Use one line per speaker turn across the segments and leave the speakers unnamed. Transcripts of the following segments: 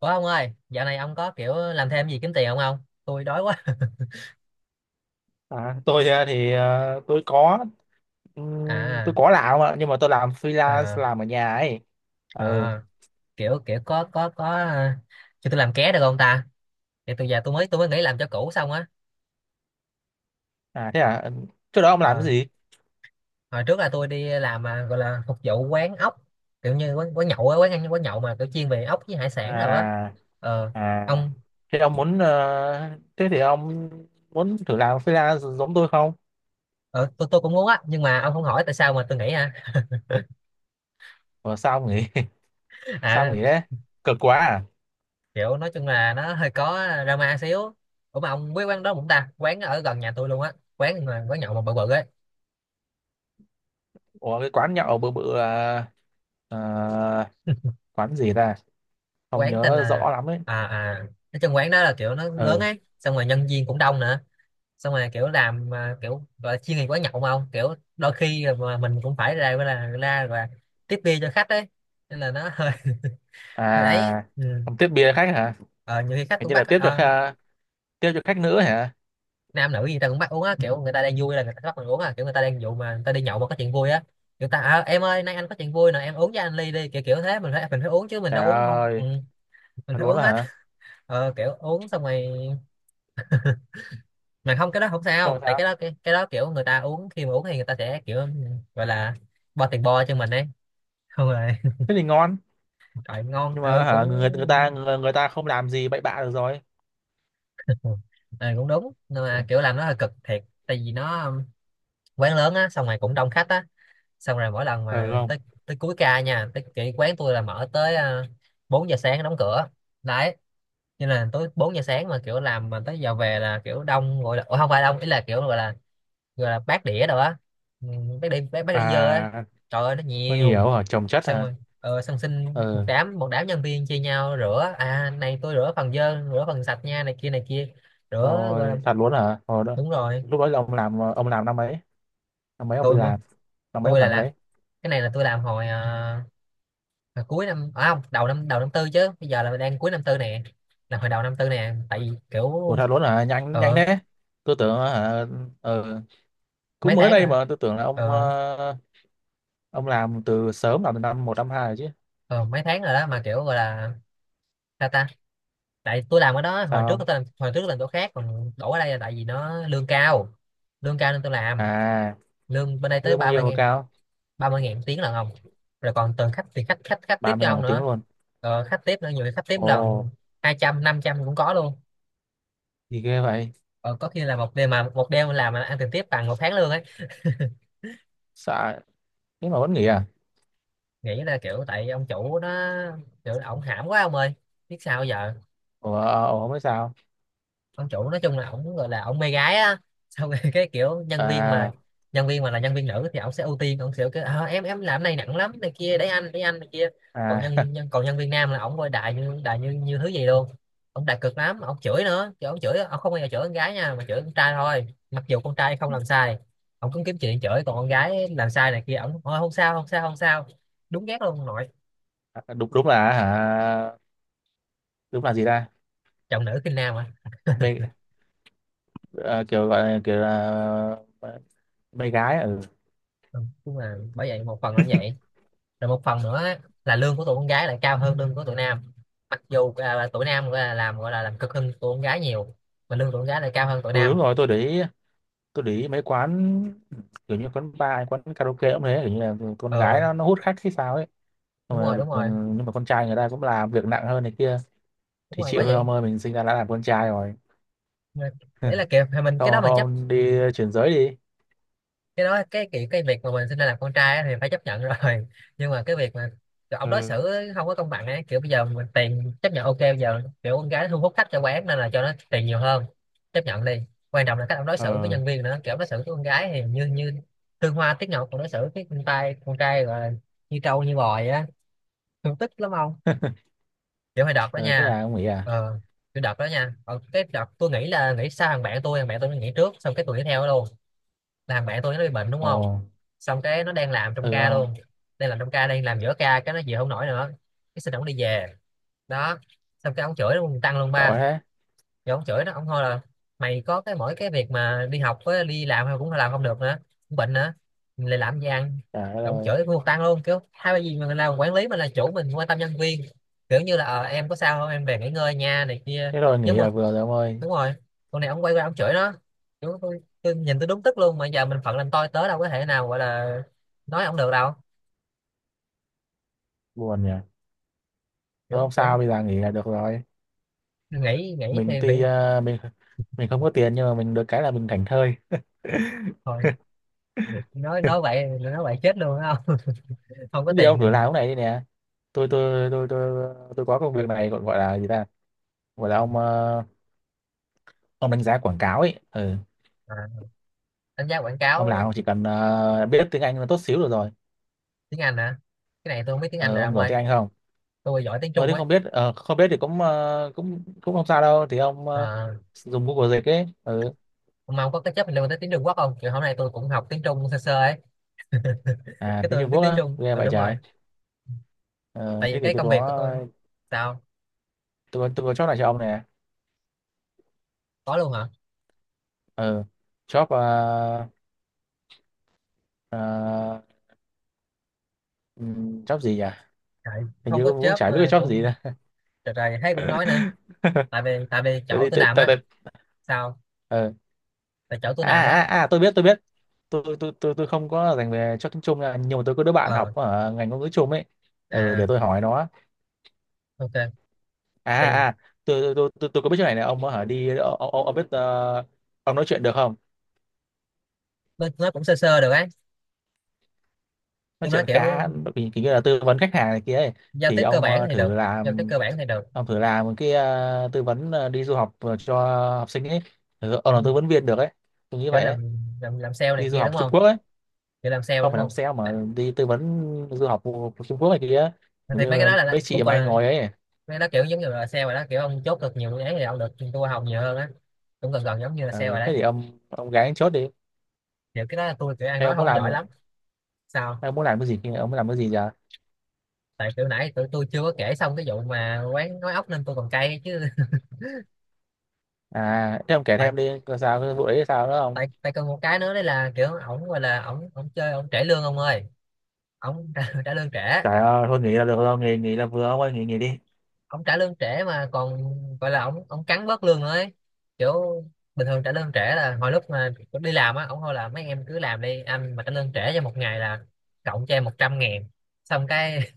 Ủa ông ơi, dạo này ông có kiểu làm thêm gì kiếm tiền không ông? Tôi đói quá.
À, tôi ờ, thì ờ,
À,
tôi có làm ạ, nhưng mà tôi làm
à,
freelance, làm ở nhà ấy. Ừ.
à, kiểu kiểu có à, cho tôi làm ké được không ta? Thì tôi giờ tôi mới nghỉ làm cho cũ xong á.
À thế à. Ừ. Trước đó ông làm cái
Ờ,
gì?
hồi trước là tôi đi làm à, gọi là phục vụ quán ốc, kiểu như quán quán nhậu á, quán ăn quán nhậu mà kiểu chuyên về ốc với hải sản rồi á.
À,
Ờ,
à,
ông
thế ông thế thì ông muốn thử làm freelance giống tôi không?
ờ, tôi cũng muốn á, nhưng mà ông không hỏi tại sao mà tôi nghỉ hả?
Ủa, sao ông nghỉ? Sao ông
À,
nghỉ đấy? Cực quá à?
kiểu nói chung là nó hơi có drama xíu. Ủa mà ông biết quán đó cũng ta, quán ở gần nhà tôi luôn á, quán mà quán nhậu mà bự bự ấy.
Ủa, cái quán nhậu bự bự ờ, quán gì ta? Không
Quán tên
nhớ
là
rõ lắm ấy.
à à, nói chung quán đó là kiểu nó lớn
Ừ.
ấy, xong rồi nhân viên cũng đông nữa, xong rồi kiểu làm à, kiểu gọi là chuyên nghiệp quán nhậu mà ông, kiểu đôi khi mà mình cũng phải ra, gọi là ra và tiếp bia cho khách ấy, nên là nó hơi hơi ấy
À,
ừ.
ông tiếp bia khách hả?
Ờ, nhiều khi khách
Hình
cũng
như
bắt
là
ờ,
tiếp cho khách nữ hả?
nam nữ gì ta cũng bắt uống á, kiểu người ta đang vui là người ta bắt mình uống à, kiểu người ta đang dụ mà người ta đi nhậu mà có chuyện vui á, người ta à, em ơi nay anh có chuyện vui nè em uống cho anh ly đi, kiểu kiểu thế mình phải uống chứ mình
Trời
đâu uống không ừ,
ơi,
mình
thật
phải
luôn
uống
đó
hết.
hả?
Ờ, kiểu uống xong rồi mà không, cái đó không
Xong rồi
sao, tại
sao?
cái đó cái đó kiểu người ta uống, khi mà uống thì người ta sẽ kiểu gọi là bo tiền, bo cho mình ấy, không rồi
Thế thì ngon,
trời ngon
nhưng mà
ừ cũng.
hả, người ta không làm gì bậy bạ được rồi.
Ừ, cũng đúng, nhưng
Ừ.
mà kiểu làm nó hơi cực thiệt, tại vì nó quán lớn á, xong rồi cũng đông khách á, xong rồi mỗi lần
Ừ
mà
không?
tới, tới cuối ca nha, tới cái quán tôi là mở tới à, 4 giờ sáng đóng cửa đấy, cho nên là tới 4 giờ sáng mà kiểu làm mà tới giờ về là kiểu đông, gọi là ủa, không phải đông, ý là kiểu gọi là, gọi là bát đĩa rồi á. Ừ, bát đĩa dơ á,
À,
trời ơi nó
nó
nhiều,
nhiều hả? Trồng chất
xong
hả?
rồi ờ, xong xin, một
Ừ,
đám, một đám nhân viên chia nhau rửa à, này tôi rửa phần dơ, rửa phần sạch nha, này kia này kia, rửa gọi là
thôi thật luôn hả? Hồi đó
đúng rồi.
lúc đó là ông làm năm mấy? Năm mấy ông đi
tôi mà
làm? Năm mấy ông
tôi là
làm cái
làm
đấy?
cái này, là tôi làm hồi à, là cuối năm à, không, đầu năm, đầu năm tư, chứ bây giờ là đang cuối năm tư nè, là hồi đầu năm tư nè, tại vì
Ủa
kiểu
thật luôn hả? Nhanh nhanh
ờ
thế. Tôi tưởng hả. Ừ, cũng
mấy
mới
tháng
đây
rồi.
mà tôi tưởng là
Ờ,
ông làm từ sớm, làm từ năm một năm hai rồi chứ.
ờ mấy tháng rồi đó mà kiểu gọi là ta ta, tại tôi làm ở đó hồi
Sao
trước,
không?
tôi làm hồi trước làm chỗ khác, còn đổ ở đây là tại vì nó lương cao, lương cao nên tôi làm.
À,
Lương bên đây tới
lương bao
ba mươi
nhiêu mà
ngàn
cao?
30.000 tiếng lần không, rồi còn từng khách thì khách khách khách tiếp
ba mươi
cho
ngàn
ông
một tiếng
nữa.
luôn.
Ờ, khách tiếp nữa, nhiều khi khách tiếp
Ồ,
lần 200, 500 cũng có luôn.
gì ghê vậy?
Ờ, có khi là một đêm, mà một đêm làm mà ăn tiền tiếp bằng một tháng lương ấy.
Sợ. Thế mà vẫn nghỉ à?
Nghĩ là kiểu tại ông chủ nó, kiểu là ổng hãm quá ông ơi, biết sao giờ.
Ủa, ủa không biết sao.
Ông chủ nói chung là ổng, gọi là ổng mê gái á xong rồi cái kiểu nhân viên mà,
à
nhân viên mà là nhân viên nữ thì ổng sẽ ưu tiên, ổng sẽ kiểu "Ờ, em làm này nặng lắm này kia, để anh, để anh này kia", còn
à
nhân, nhân còn nhân viên nam là ổng coi đại như, đại như, như thứ gì luôn. Ổng đại cực lắm, ổng chửi nữa chứ, ổng chửi, ổng không bao giờ chửi con gái nha, mà chửi con trai thôi, mặc dù con trai không làm sai ổng cũng kiếm chuyện chửi, còn con gái làm sai này kia ổng "Thôi, không sao không sao không sao". Đúng ghét luôn ông nội,
đúng đúng là hả? Đúng là gì ta?
chồng nữ khinh nam à.
Mê. Ờ, kiểu gọi là kiểu là mê gái. Ừ.
Đúng, đúng là bởi vậy, một phần là như vậy, rồi một phần nữa á, là lương của tụi con gái lại cao hơn lương của tụi nam, mặc dù à, là tụi nam gọi là làm, gọi là làm cực hơn tụi con gái nhiều, mà lương tụi con gái lại cao hơn tụi
Ừ đúng
nam.
rồi, tôi để ý mấy quán kiểu như quán bar, quán karaoke cũng thế, kiểu như là con gái
Ờ
nó hút khách hay sao ấy. Xong
đúng
rồi,
rồi, đúng
ừ,
rồi,
nhưng mà con trai người ta cũng làm việc nặng hơn này kia. Thì
đúng rồi
chịu
bởi
thôi
vậy.
ông ơi, mình sinh ra đã làm con trai rồi.
Đấy là kiểu mình, cái đó
Không,
mình chấp
không,
ừ.
đi chuyển giới đi.
Cái đó, cái kiểu cái việc mà mình sinh ra làm con trai á thì phải chấp nhận rồi, nhưng mà cái việc mà kiểu ông đối
Ừ.
xử không có công bằng ấy, kiểu bây giờ mình tiền chấp nhận ok, bây giờ kiểu con gái thu hút khách cho quán nên là cho nó tiền nhiều hơn, chấp nhận đi. Quan trọng là cách ông đối xử với
Ờ.
nhân viên nữa, kiểu ông đối xử với con gái thì như như thương hoa tiếc ngọc, còn đối xử với con trai, con trai gọi là như trâu như bò vậy á, thương tích lắm ông. Kiểu hồi đợt đó
Ừ, thế
nha,
là ông nghĩ à?
ờ cái đợt đó nha. Ờ, cái đợt tôi nghĩ là nghĩ sao, thằng bạn tôi nó nghỉ trước, xong cái tôi nghỉ theo nó luôn, làm bạn tôi nó bị bệnh đúng
Ồ.
không, xong cái nó đang làm trong
Ừ
ca
không?
luôn, đang làm trong ca, đang làm giữa ca cái nó chịu không nổi nữa, cái xin ổng đi về đó, xong cái ổng chửi luôn tăng luôn
Tội
ba,
thế.
rồi ổng chửi nó, ổng thôi là mày có cái mỗi cái việc mà đi học với đi làm mà cũng làm không được nữa, cũng bệnh nữa, mình lại làm gì ăn.
Trời đất
Rồi ổng
ơi.
chửi cùng tăng luôn, kiểu hai cái gì mình làm quản lý, mình là chủ mình quan tâm nhân viên, kiểu như là ờ, em có sao không, em về nghỉ ngơi nha này kia,
Thế rồi
nhớ
nghỉ
mua,
là vừa rồi ông ơi.
đúng rồi, con này ông quay qua ông chửi nó. Kiểu tôi nhìn tôi đúng tức luôn, mà giờ mình phận làm tôi tớ đâu có thể nào gọi là nói ông được đâu,
Buồn nhỉ. Thôi
kiểu
không
quán,
sao, bây giờ nghỉ là được rồi.
nghĩ nghĩ
Mình
thì bị,
tuy mình không có tiền, nhưng mà mình được cái là mình thảnh thơi.
thôi nói, nói vậy chết luôn á không. Không có
Thế thì ông
tiền.
thử làm cái này đi nè. Tôi tôi tôi tôi tôi có công việc này, gọi gọi là gì ta? Gọi là ông đánh giá quảng cáo ấy. Ừ.
À, đánh giá quảng cáo
Ông chỉ cần biết tiếng Anh là tốt xíu được rồi.
tiếng Anh hả, cái này tôi không biết tiếng Anh
Ờ,
rồi
ông
ông
giỏi
ơi,
tiếng Anh không?
tôi giỏi tiếng
Ờ,
Trung
nếu
ấy.
không biết thì cũng ờ, cũng cũng không sao đâu, thì ông
À,
dùng Google dịch ấy. Ừ.
ông mong có cái chấp liên tới tiếng Trung Quốc không, kiểu hôm nay tôi cũng học tiếng Trung sơ sơ ấy.
À,
Cái
tiếng
tôi
Trung
biết
Quốc
tiếng
á.
Trung
Ghê
ờ
vậy
đúng
trời.
rồi,
Ờ,
tại
thế
vì
thì
cái công việc của tôi. Sao
tôi có job này cho ông nè.
có luôn hả?
ờ job job gì nhỉ?
Trời,
Hình
không
như
có
cũng
chớp
chả biết
ờ,
cái job gì
cũng
nè.
trời trời thấy cũng nói nữa. Tại vì, tại vì
tại
chỗ
vì
tôi
tại
làm
tại
á.
tại-
Sao,
ờ
tại chỗ tôi làm á.
tôi biết tôi không có dành về cho tiếng Trung nha, nhưng mà tôi có đứa bạn học
Ờ
ở ngành ngôn ngữ Trung ấy. Ừ, để
à
tôi hỏi nó.
ok.
à
Tại vì
à à, tôi có biết chỗ này này ông hả, đi ông biết ông nói chuyện được không?
tôi nói cũng sơ sơ được ấy,
Nói
tôi nói
chuyện
kiểu
khá, kiểu kiểu như là tư vấn khách hàng này kia ấy.
giao
Thì
tiếp cơ bản thì được, giao tiếp cơ bản thì được
ông thử làm một cái tư vấn đi du học cho học sinh ấy. Ừ, ông
Ừ,
là tư vấn viên được ấy. Tôi nghĩ
kiểu
vậy ấy.
làm, làm sale này
Đi du
kia đúng
học Trung
không,
Quốc ấy.
kiểu làm sale
Không
đúng
phải làm
không,
sale, mà
đã-
đi tư vấn du học của Trung Quốc này kia.
Thì
Như
mấy cái đó là
mấy
cũng
chị mà
còn
hay
là- mấy
ngồi ấy.
cái đó kiểu giống như là sale rồi đó, kiểu ông chốt được nhiều dự án thì ông được trung thu hoa hồng nhiều hơn á, cũng gần gần giống như là sale rồi
Ờ,
đấy.
thế thì ông gái chốt đi.
Kiểu cái đó là tôi kiểu ăn
Hay
nói
ông
không
muốn
có
làm
giỏi lắm. Sao,
Hay ông muốn làm cái gì? Ông muốn làm cái gì giờ?
tại kiểu nãy tụi tôi chưa có kể xong cái vụ mà quán nói ốc nên tôi còn cay chứ.
À, thế ông kể
tại
thêm đi. Coi sao cái vụ đấy, sao nữa không?
tại tại còn một cái nữa đây là kiểu ổng, gọi là ổng ổng chơi ổng trễ lương ông ơi, ổng trả, trả lương trễ.
Trời ơi, thôi nghỉ là được rồi. Nghỉ, nghỉ là vừa ông ơi, nghỉ, nghỉ đi.
Ổng trả lương trễ mà còn gọi là ổng ổng cắn bớt lương nữa ấy, kiểu bình thường trả lương trễ là hồi lúc mà đi làm á, ổng thôi là mấy em cứ làm đi, anh mà trả lương trễ cho một ngày là cộng cho em 100.000, xong cái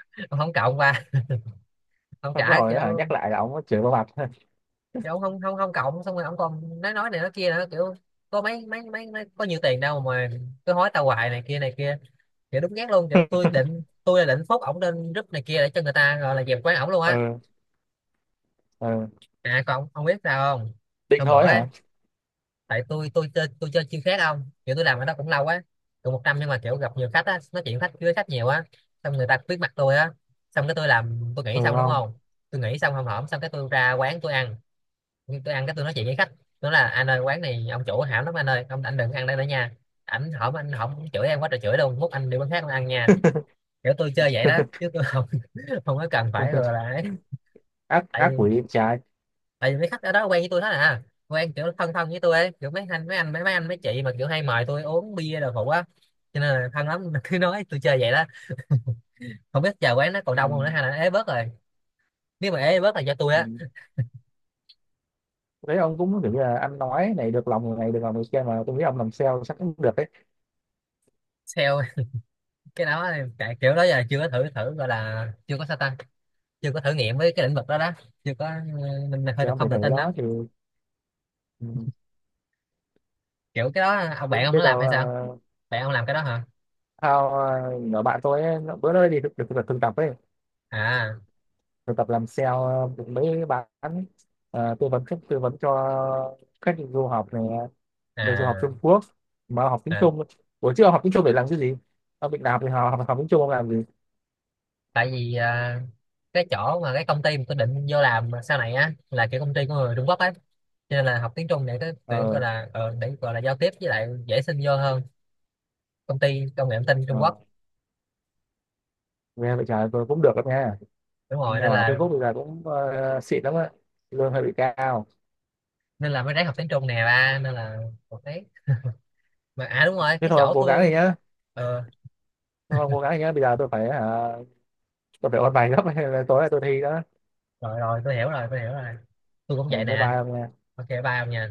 ông không cộng qua, ông
Xong cái
trả
hồi đó hả,
kiểu,
nhắc lại là ông chửi vào mặt.
kiểu ông không không không cộng, xong rồi ông còn nói này nói kia nữa, kiểu có mấy có nhiều tiền đâu mà cứ hối tao hoài này kia này kia. Kiểu đúng ghét luôn, kiểu tôi định, tôi định phốt ổng lên group này kia để cho người ta gọi là dẹp quán ổng luôn á.
Ừ, ừ.
À còn ông biết sao không,
Định
hôm bữa
thôi hả?
á tại tôi chơi chưa khác không, kiểu tôi làm ở đó cũng lâu á, cũng một năm, nhưng mà kiểu gặp nhiều khách á, nói chuyện khách với khách nhiều á, xong người ta biết mặt tôi á, xong cái tôi làm tôi nghĩ
Ừ
xong đúng
không?
không, tôi nghĩ xong hòm hổm xong cái tôi ra quán tôi ăn. Nhưng tôi ăn cái tôi nói chuyện với khách, nó là anh ơi quán này ông chủ hảo lắm anh ơi, ông anh đừng ăn đây nữa nha, ảnh hổm anh hổm chửi em quá trời chửi luôn, mốt anh đi quán khác ông ăn nha. Kiểu tôi chơi vậy đó chứ tôi không, không có cần phải rồi là ấy.
Ác, ác
Tại vì-
quỷ em trai.
tại vì mấy khách ở đó quen với tôi hết à, quen kiểu thân thân với tôi ấy, kiểu mấy anh mấy chị mà kiểu hay mời tôi uống bia đồ phụ á, cho nên là thân lắm, cứ nói tôi chơi vậy đó. Không biết giờ quán nó còn
Ừ,
đông không nữa hay là ế bớt rồi, nếu mà ế bớt là do tôi
ừ.
á.
Đấy, ông cũng kiểu như là anh nói này, được lòng người này được lòng người kia, mà tôi nghĩ ông làm sale chắc cũng được đấy.
Sale cái đó thì tại kiểu đó giờ chưa có thử, thử gọi là chưa có sao ta, chưa có thử nghiệm với cái lĩnh vực đó đó, chưa có, mình hơi
Thì ông phải
không tự
thử
tin lắm.
đó thì. Ừ,
Kiểu cái đó ông bạn
cũng
ông nó
biết
làm
đâu.
hay sao,
uh,
bạn ông làm cái đó hả?
Thao, nhỏ bạn tôi ấy, bữa đó đi được được thực thực tập ấy.
À
Thực tập làm sale, mấy bạn tư vấn cho khách du học này, được du học Trung
à
Quốc mà học tiếng
à,
Trung. Buổi trước ông học tiếng Trung để làm cái gì? Ông bị làm thì học học, tiếng Trung ông làm gì?
tại vì à, cái chỗ mà cái công ty mà tôi định vô làm sau này á là kiểu công ty của người Trung Quốc ấy, cho nên là học tiếng Trung để cái để gọi
Ờ.
là ờ, để gọi là giao tiếp với lại dễ xin vô hơn, công ty công nghệ thông tin Trung
Ờ,
Quốc.
nghe vậy trời, tôi cũng được đó nghe.
Đúng rồi
Nghe
nên
bảo là Trung
là,
Quốc bây giờ cũng xịn lắm á, lương hơi bị cao.
nên là mới ráng học tiếng Trung nè ba, nên là một thấy, mà à đúng rồi
Thế
cái
thôi ông
chỗ
cố gắng
tôi.
đi nhá
Ờ
Thôi ông cố gắng đi nhá, bây giờ tôi phải ôn bài gấp nên là tối nay tôi thi đó.
rồi rồi, tôi hiểu rồi tôi cũng vậy
Ừ, bye
nè.
bye ông nha.
Ok ba ông nha.